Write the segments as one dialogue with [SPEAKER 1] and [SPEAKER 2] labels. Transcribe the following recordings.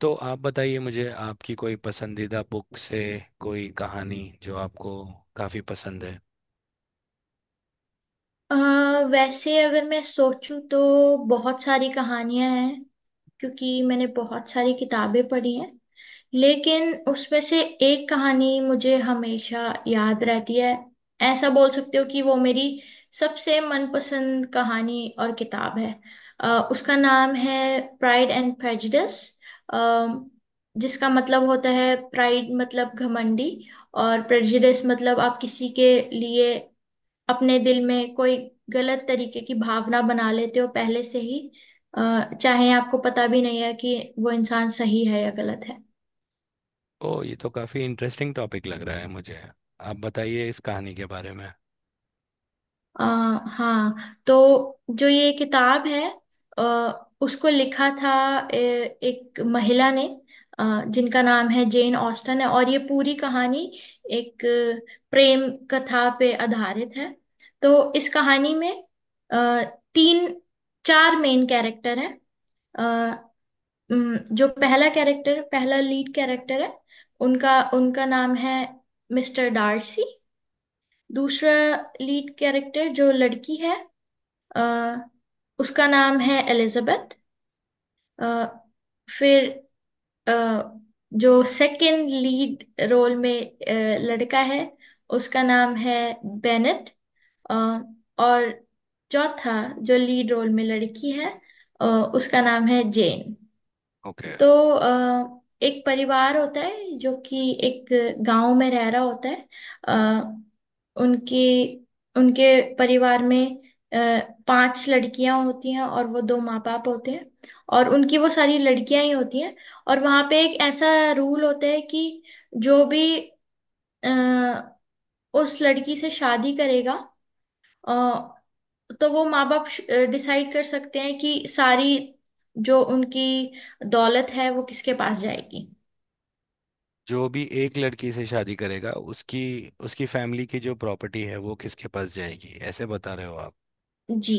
[SPEAKER 1] तो आप बताइए मुझे आपकी कोई पसंदीदा बुक से कोई कहानी जो आपको काफ़ी पसंद है।
[SPEAKER 2] अ, वैसे अगर मैं सोचूं तो बहुत सारी कहानियां हैं क्योंकि मैंने बहुत सारी किताबें पढ़ी हैं। लेकिन उसमें से एक कहानी मुझे हमेशा याद रहती है, ऐसा बोल सकते हो कि वो मेरी सबसे मनपसंद कहानी और किताब है। उसका नाम है प्राइड एंड प्रेजुडिस, जिसका मतलब होता है प्राइड मतलब घमंडी और प्रेजुडिस मतलब आप किसी के लिए अपने दिल में कोई गलत तरीके की भावना बना लेते हो पहले से ही, चाहे आपको पता भी नहीं है कि वो इंसान सही है या गलत है।
[SPEAKER 1] ओ ये तो काफ़ी इंटरेस्टिंग टॉपिक लग रहा है मुझे। आप बताइए इस कहानी के बारे में।
[SPEAKER 2] अ, हाँ, तो जो ये किताब है, उसको लिखा था एक महिला ने, जिनका नाम है जेन ऑस्टन है, और ये पूरी कहानी एक प्रेम कथा पे आधारित है। तो इस कहानी में अ, तीन चार मेन कैरेक्टर हैं। जो पहला कैरेक्टर, पहला लीड कैरेक्टर है उनका उनका नाम है मिस्टर डार्सी। दूसरा लीड कैरेक्टर जो लड़की है, अ, उसका नाम है एलिजाबेथ। अ, फिर, अ, जो सेकंड लीड रोल में लड़का है उसका नाम है बेनेट। अ, और चौथा जो लीड रोल में लड़की है, उसका नाम है जेन।
[SPEAKER 1] ओके।
[SPEAKER 2] तो एक परिवार होता है जो कि एक गांव में रह रहा होता है। अ, उनकी उनके परिवार में अ, पांच लड़कियां होती हैं और वो दो माँ बाप होते हैं, और उनकी वो सारी लड़कियां ही होती हैं। और वहां पे एक ऐसा रूल होता है कि जो भी अ, उस लड़की से शादी करेगा, अ, तो वो माँ बाप डिसाइड कर सकते हैं कि सारी जो उनकी दौलत है वो किसके पास जाएगी।
[SPEAKER 1] जो भी एक लड़की से शादी करेगा उसकी उसकी फैमिली की जो प्रॉपर्टी है वो किसके पास जाएगी ऐसे बता रहे हो आप।
[SPEAKER 2] जी।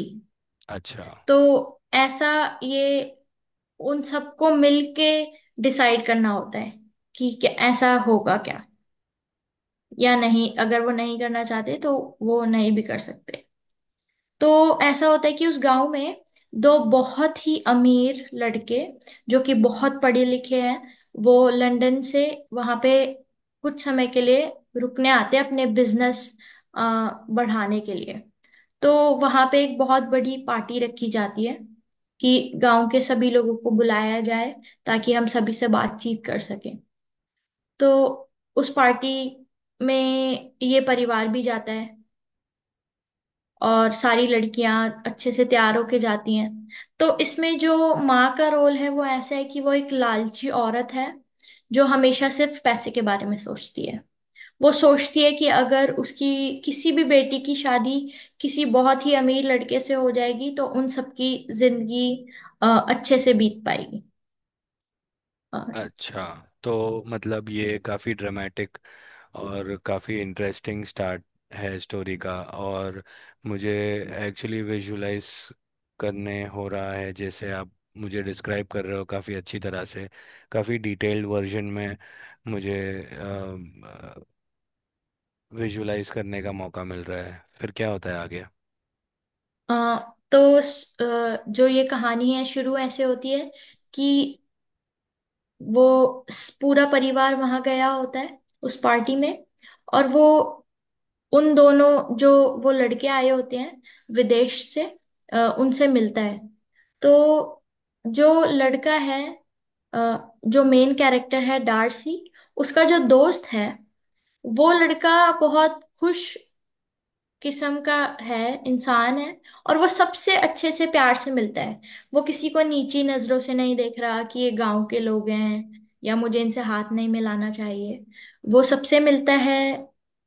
[SPEAKER 1] अच्छा।
[SPEAKER 2] तो ऐसा, ये उन सबको मिलके डिसाइड करना होता है कि क्या ऐसा होगा क्या या नहीं। अगर वो नहीं करना चाहते तो वो नहीं भी कर सकते। तो ऐसा होता है कि उस गांव में दो बहुत ही अमीर लड़के, जो कि बहुत पढ़े लिखे हैं, वो लंदन से वहां पे कुछ समय के लिए रुकने आते हैं अपने बिजनेस बढ़ाने के लिए। तो वहां पे एक बहुत बड़ी पार्टी रखी जाती है कि गांव के सभी लोगों को बुलाया जाए ताकि हम सभी से बातचीत कर सकें। तो उस पार्टी में ये परिवार भी जाता है और सारी लड़कियां अच्छे से तैयार होके जाती हैं। तो इसमें जो माँ का रोल है वो ऐसा है कि वो एक लालची औरत है जो हमेशा सिर्फ पैसे के बारे में सोचती है। वो सोचती है कि अगर उसकी किसी भी बेटी की शादी किसी बहुत ही अमीर लड़के से हो जाएगी तो उन सबकी जिंदगी अच्छे से बीत पाएगी। अ,
[SPEAKER 1] अच्छा तो मतलब ये काफ़ी ड्रामेटिक और काफ़ी इंटरेस्टिंग स्टार्ट है स्टोरी का, और मुझे एक्चुअली विजुलाइज करने हो रहा है जैसे आप मुझे डिस्क्राइब कर रहे हो काफ़ी अच्छी तरह से, काफ़ी डिटेल्ड वर्जन में मुझे विजुलाइज करने का मौका मिल रहा है। फिर क्या होता है आगे।
[SPEAKER 2] तो जो ये कहानी है शुरू ऐसे होती है कि पूरा परिवार वहां गया होता है उस पार्टी में, और वो उन दोनों जो वो लड़के आए होते हैं विदेश से उनसे मिलता है। तो जो लड़का है, अ, जो मेन कैरेक्टर है डार्सी, उसका जो दोस्त है वो लड़का बहुत खुश किस्म का है, इंसान है, और वो सबसे अच्छे से, प्यार से मिलता है। वो किसी को नीची नजरों से नहीं देख रहा कि ये गांव के लोग हैं या मुझे इनसे हाथ नहीं मिलाना चाहिए। वो सबसे मिलता है,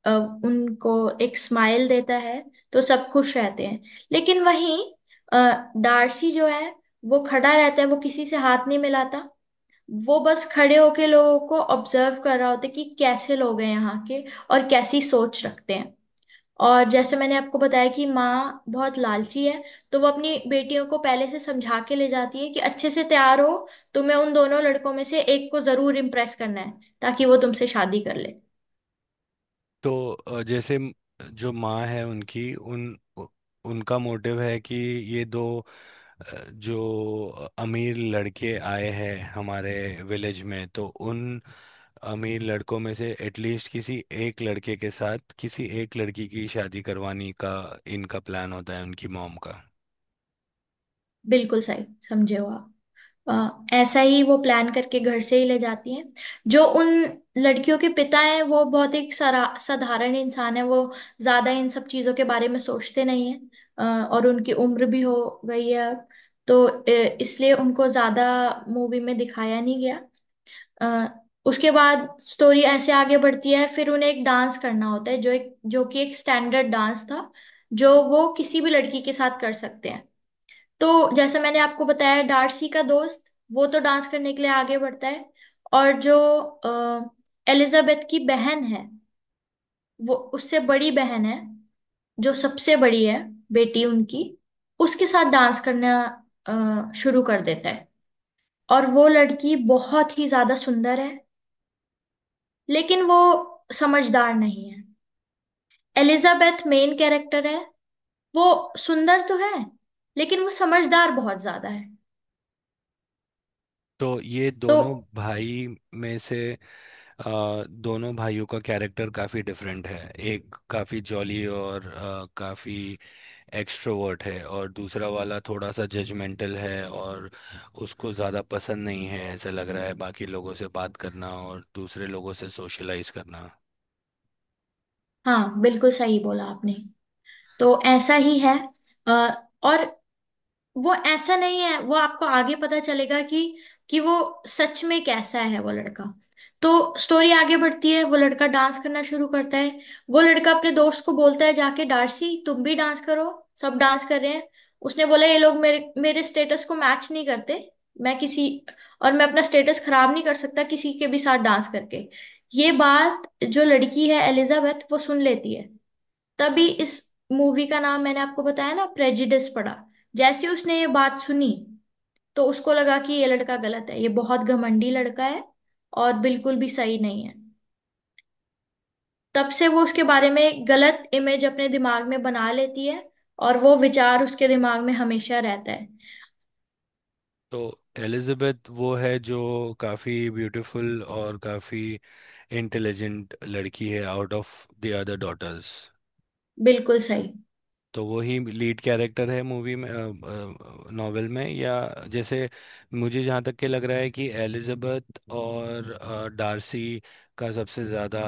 [SPEAKER 2] अ, उनको एक स्माइल देता है, तो सब खुश रहते हैं। लेकिन वहीं डार्सी जो है वो खड़ा रहता है, वो किसी से हाथ नहीं मिलाता। वो बस खड़े होके लोगों को ऑब्जर्व कर रहा होता है कि कैसे लोग हैं यहाँ के और कैसी सोच रखते हैं। और जैसे मैंने आपको बताया कि माँ बहुत लालची है, तो वो अपनी बेटियों को पहले से समझा के ले जाती है कि अच्छे से तैयार हो, तुम्हें उन दोनों लड़कों में से एक को जरूर इम्प्रेस करना है ताकि वो तुमसे शादी कर ले।
[SPEAKER 1] तो जैसे जो माँ है उनकी उ- उनका मोटिव है कि ये दो जो अमीर लड़के आए हैं हमारे विलेज में तो उन अमीर लड़कों में से एटलीस्ट किसी एक लड़के के साथ किसी एक लड़की की शादी करवाने का इनका प्लान होता है उनकी मॉम का।
[SPEAKER 2] बिल्कुल सही समझे हो आप। अ, ऐसा ही वो प्लान करके घर से ही ले जाती हैं। जो उन लड़कियों के पिता हैं, वो बहुत ही सरा साधारण इंसान है, वो ज्यादा इन सब चीजों के बारे में सोचते नहीं है। और उनकी उम्र भी हो गई है अब, तो इसलिए उनको ज्यादा मूवी में दिखाया नहीं गया। अ, उसके बाद स्टोरी ऐसे आगे बढ़ती है, फिर उन्हें एक डांस करना होता है, जो एक, जो कि एक स्टैंडर्ड डांस था जो वो किसी भी लड़की के साथ कर सकते हैं। तो जैसे मैंने आपको बताया, डार्सी का दोस्त वो तो डांस करने के लिए आगे बढ़ता है। और जो एलिजाबेथ की बहन है, वो उससे बड़ी बहन है, जो सबसे बड़ी है बेटी उनकी, उसके साथ डांस करना शुरू कर देता है। और वो लड़की बहुत ही ज्यादा सुंदर है लेकिन वो समझदार नहीं है। एलिजाबेथ मेन कैरेक्टर है, वो सुंदर तो है लेकिन वो समझदार बहुत ज्यादा है।
[SPEAKER 1] तो ये
[SPEAKER 2] तो
[SPEAKER 1] दोनों भाई में से दोनों भाइयों का कैरेक्टर काफ़ी डिफरेंट है। एक काफ़ी जॉली और काफ़ी एक्सट्रोवर्ट है, और दूसरा वाला थोड़ा सा जजमेंटल है और उसको ज़्यादा पसंद नहीं है ऐसा लग रहा है बाकी लोगों से बात करना और दूसरे लोगों से सोशलाइज करना।
[SPEAKER 2] हाँ, बिल्कुल सही बोला आपने। तो ऐसा ही है। अ, और वो ऐसा नहीं है, वो आपको आगे पता चलेगा कि वो सच में कैसा है वो लड़का। तो स्टोरी आगे बढ़ती है, वो लड़का डांस करना शुरू करता है, वो लड़का अपने दोस्त को बोलता है, जाके डार्सी तुम भी डांस करो, सब डांस कर रहे हैं। उसने बोला ये लोग मेरे मेरे स्टेटस को मैच नहीं करते, मैं किसी, और मैं अपना स्टेटस खराब नहीं कर सकता किसी के भी साथ डांस करके। ये बात जो लड़की है एलिजाबेथ, वो सुन लेती है। तभी इस मूवी का नाम मैंने आपको बताया ना प्रेजिडिस पड़ा। जैसे उसने ये बात सुनी तो उसको लगा कि ये लड़का गलत है, ये बहुत घमंडी लड़का है और बिल्कुल भी सही नहीं है। तब से वो उसके बारे में एक गलत इमेज अपने दिमाग में बना लेती है और वो विचार उसके दिमाग में हमेशा रहता है।
[SPEAKER 1] तो एलिजाबेथ वो है जो काफ़ी ब्यूटीफुल और काफ़ी इंटेलिजेंट लड़की है out of the other daughters.
[SPEAKER 2] बिल्कुल सही।
[SPEAKER 1] तो वो ही लीड कैरेक्टर है मूवी में, नॉवेल में, या जैसे मुझे जहाँ तक के लग रहा है कि एलिजाबेथ और डार्सी का सबसे ज़्यादा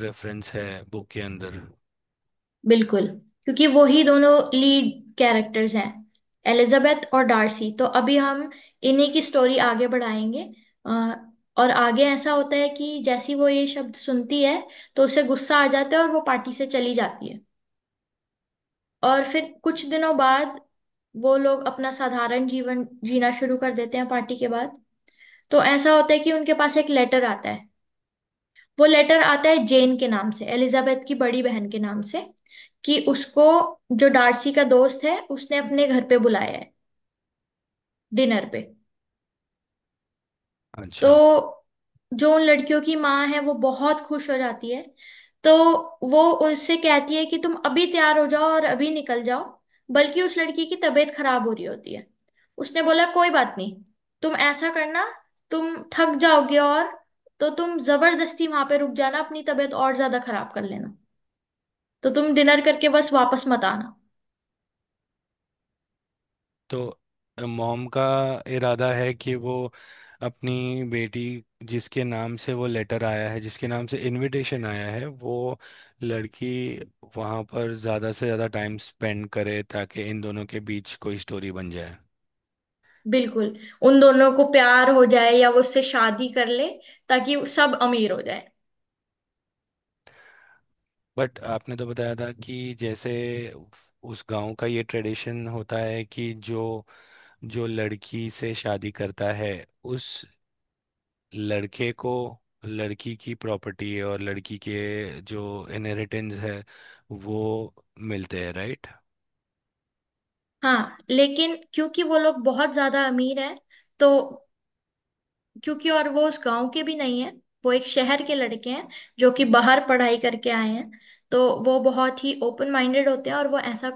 [SPEAKER 1] रेफरेंस है बुक के अंदर।
[SPEAKER 2] बिल्कुल, क्योंकि वो ही दोनों लीड कैरेक्टर्स हैं एलिजाबेथ और डार्सी, तो अभी हम इन्हीं की स्टोरी आगे बढ़ाएंगे। अ, और आगे ऐसा होता है कि जैसी वो ये शब्द सुनती है तो उसे गुस्सा आ जाता है और वो पार्टी से चली जाती है। और फिर कुछ दिनों बाद वो लोग अपना साधारण जीवन जीना शुरू कर देते हैं पार्टी के बाद। तो ऐसा होता है कि उनके पास एक लेटर आता है। वो लेटर आता है जेन के नाम से, एलिजाबेथ की बड़ी बहन के नाम से, कि उसको जो डार्सी का दोस्त है उसने अपने घर पे बुलाया है डिनर पे। तो
[SPEAKER 1] अच्छा।
[SPEAKER 2] जो उन लड़कियों की माँ है वो बहुत खुश हो जाती है। तो वो उससे कहती है कि तुम अभी तैयार हो जाओ और अभी निकल जाओ। बल्कि उस लड़की की तबीयत खराब हो रही होती है। उसने बोला कोई बात नहीं, तुम ऐसा करना, तुम थक जाओगे और तो तुम जबरदस्ती वहां पे रुक जाना, अपनी तबीयत और ज्यादा खराब कर लेना। तो तुम डिनर करके बस वापस मत आना।
[SPEAKER 1] तो मॉम का इरादा है कि वो अपनी बेटी जिसके नाम से वो लेटर आया है, जिसके नाम से इनविटेशन आया है, वो लड़की वहाँ पर ज़्यादा से ज़्यादा टाइम स्पेंड करे ताकि इन दोनों के बीच कोई स्टोरी बन जाए।
[SPEAKER 2] बिल्कुल। उन दोनों को प्यार हो जाए या वो उससे शादी कर ले, ताकि वो सब अमीर हो जाए।
[SPEAKER 1] बट आपने तो बताया था कि जैसे उस गांव का ये ट्रेडिशन होता है कि जो जो लड़की से शादी करता है उस लड़के को लड़की की प्रॉपर्टी और लड़की के जो इनहेरिटेंस है वो मिलते हैं, राइट।
[SPEAKER 2] हाँ, लेकिन क्योंकि वो लोग बहुत ज्यादा अमीर हैं, तो क्योंकि, और वो उस गांव के भी नहीं है, वो एक शहर के लड़के हैं जो कि बाहर पढ़ाई करके आए हैं। तो वो बहुत ही ओपन माइंडेड होते हैं और वो ऐसा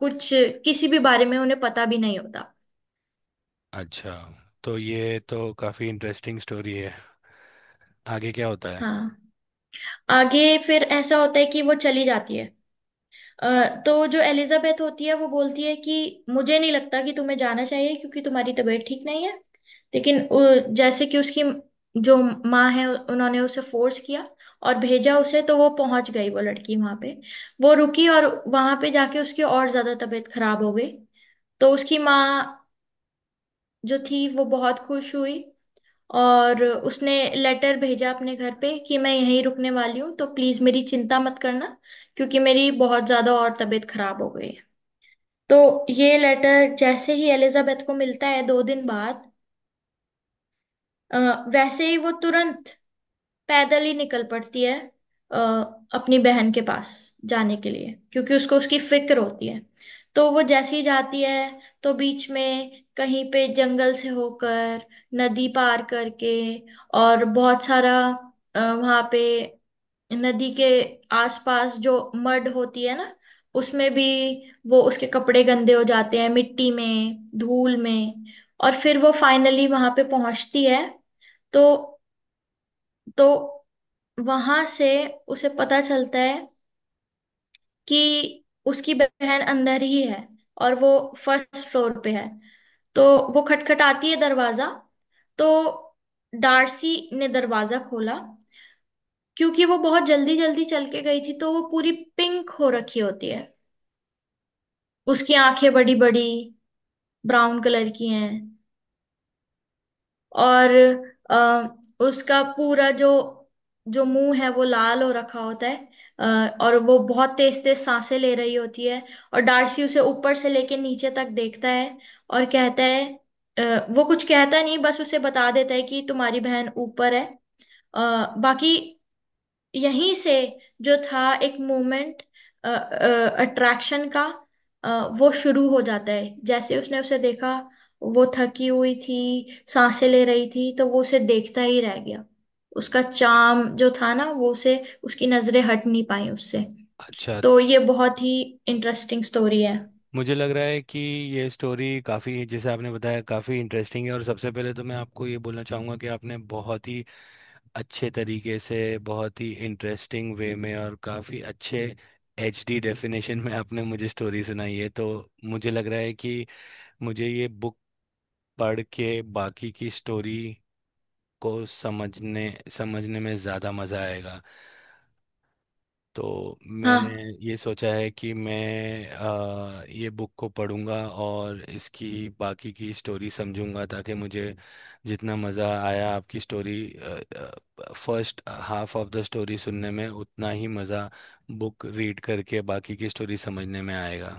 [SPEAKER 2] कुछ, किसी भी बारे में उन्हें पता भी नहीं होता।
[SPEAKER 1] अच्छा, तो ये तो काफ़ी इंटरेस्टिंग स्टोरी है। आगे क्या होता है।
[SPEAKER 2] हाँ। आगे फिर ऐसा होता है कि वो चली जाती है। अ, तो जो एलिजाबेथ होती है वो बोलती है कि मुझे नहीं लगता कि तुम्हें जाना चाहिए क्योंकि तुम्हारी तबीयत ठीक नहीं है। लेकिन जैसे कि उसकी जो माँ है उन्होंने उसे फोर्स किया और भेजा उसे, तो वो पहुंच गई वो लड़की वहां पे। वो रुकी और वहां पे जाके उसकी और ज्यादा तबीयत खराब हो गई। तो उसकी माँ जो थी वो बहुत खुश हुई, और उसने लेटर भेजा अपने घर पे कि मैं यहीं रुकने वाली हूँ तो प्लीज मेरी चिंता मत करना क्योंकि मेरी बहुत ज्यादा और तबीयत खराब हो गई। तो ये लेटर जैसे ही एलिजाबेथ को मिलता है 2 दिन बाद, अ, वैसे ही वो तुरंत पैदल ही निकल पड़ती है अ, अपनी बहन के पास जाने के लिए, क्योंकि उसको उसकी फिक्र होती है। तो वो जैसी जाती है, तो बीच में कहीं पे जंगल से होकर, नदी पार करके, और बहुत सारा वहाँ पे नदी के आसपास जो मड होती है ना उसमें भी, वो उसके कपड़े गंदे हो जाते हैं मिट्टी में, धूल में, और फिर वो फाइनली वहां पे पहुंचती है। तो तो वहां से उसे पता चलता है कि उसकी बहन अंदर ही है और वो फर्स्ट फ्लोर पे है। तो वो खटखटाती है दरवाजा, तो डार्सी ने दरवाजा खोला। क्योंकि वो बहुत जल्दी जल्दी चल के गई थी तो वो पूरी पिंक हो रखी होती है, उसकी आंखें बड़ी बड़ी ब्राउन कलर की हैं, और आ, उसका पूरा जो जो मुंह है वो लाल हो रखा होता है, अ, और वो बहुत तेज तेज सांसें ले रही होती है। और डार्सी उसे ऊपर से लेके नीचे तक देखता है और कहता है, वो कुछ कहता नहीं, बस उसे बता देता है कि तुम्हारी बहन ऊपर है। बाकी यहीं से जो था एक मूवमेंट अट्रैक्शन का, अ, वो शुरू हो जाता है जैसे उसने उसे देखा। वो थकी हुई थी, सांसें ले रही थी, तो वो उसे देखता ही रह गया। उसका चार्म जो था ना, वो उसे, उसकी नजरें हट नहीं पाई उससे।
[SPEAKER 1] अच्छा,
[SPEAKER 2] तो ये बहुत ही इंटरेस्टिंग स्टोरी है।
[SPEAKER 1] मुझे लग रहा है कि ये स्टोरी काफ़ी, जैसे आपने बताया, काफ़ी इंटरेस्टिंग है, और सबसे पहले तो मैं आपको ये बोलना चाहूँगा कि आपने बहुत ही अच्छे तरीके से, बहुत ही इंटरेस्टिंग वे में, और काफ़ी अच्छे HD डेफिनेशन में आपने मुझे स्टोरी सुनाई है। तो मुझे लग रहा है कि मुझे ये बुक पढ़ के बाकी की स्टोरी को समझने समझने में ज़्यादा मज़ा आएगा। तो मैंने
[SPEAKER 2] हाँ
[SPEAKER 1] ये सोचा है कि मैं ये बुक को पढ़ूंगा और इसकी बाकी की स्टोरी समझूंगा ताकि मुझे जितना मज़ा आया आपकी story first half of the story सुनने में उतना ही मज़ा बुक रीड करके बाकी की स्टोरी समझने में आएगा।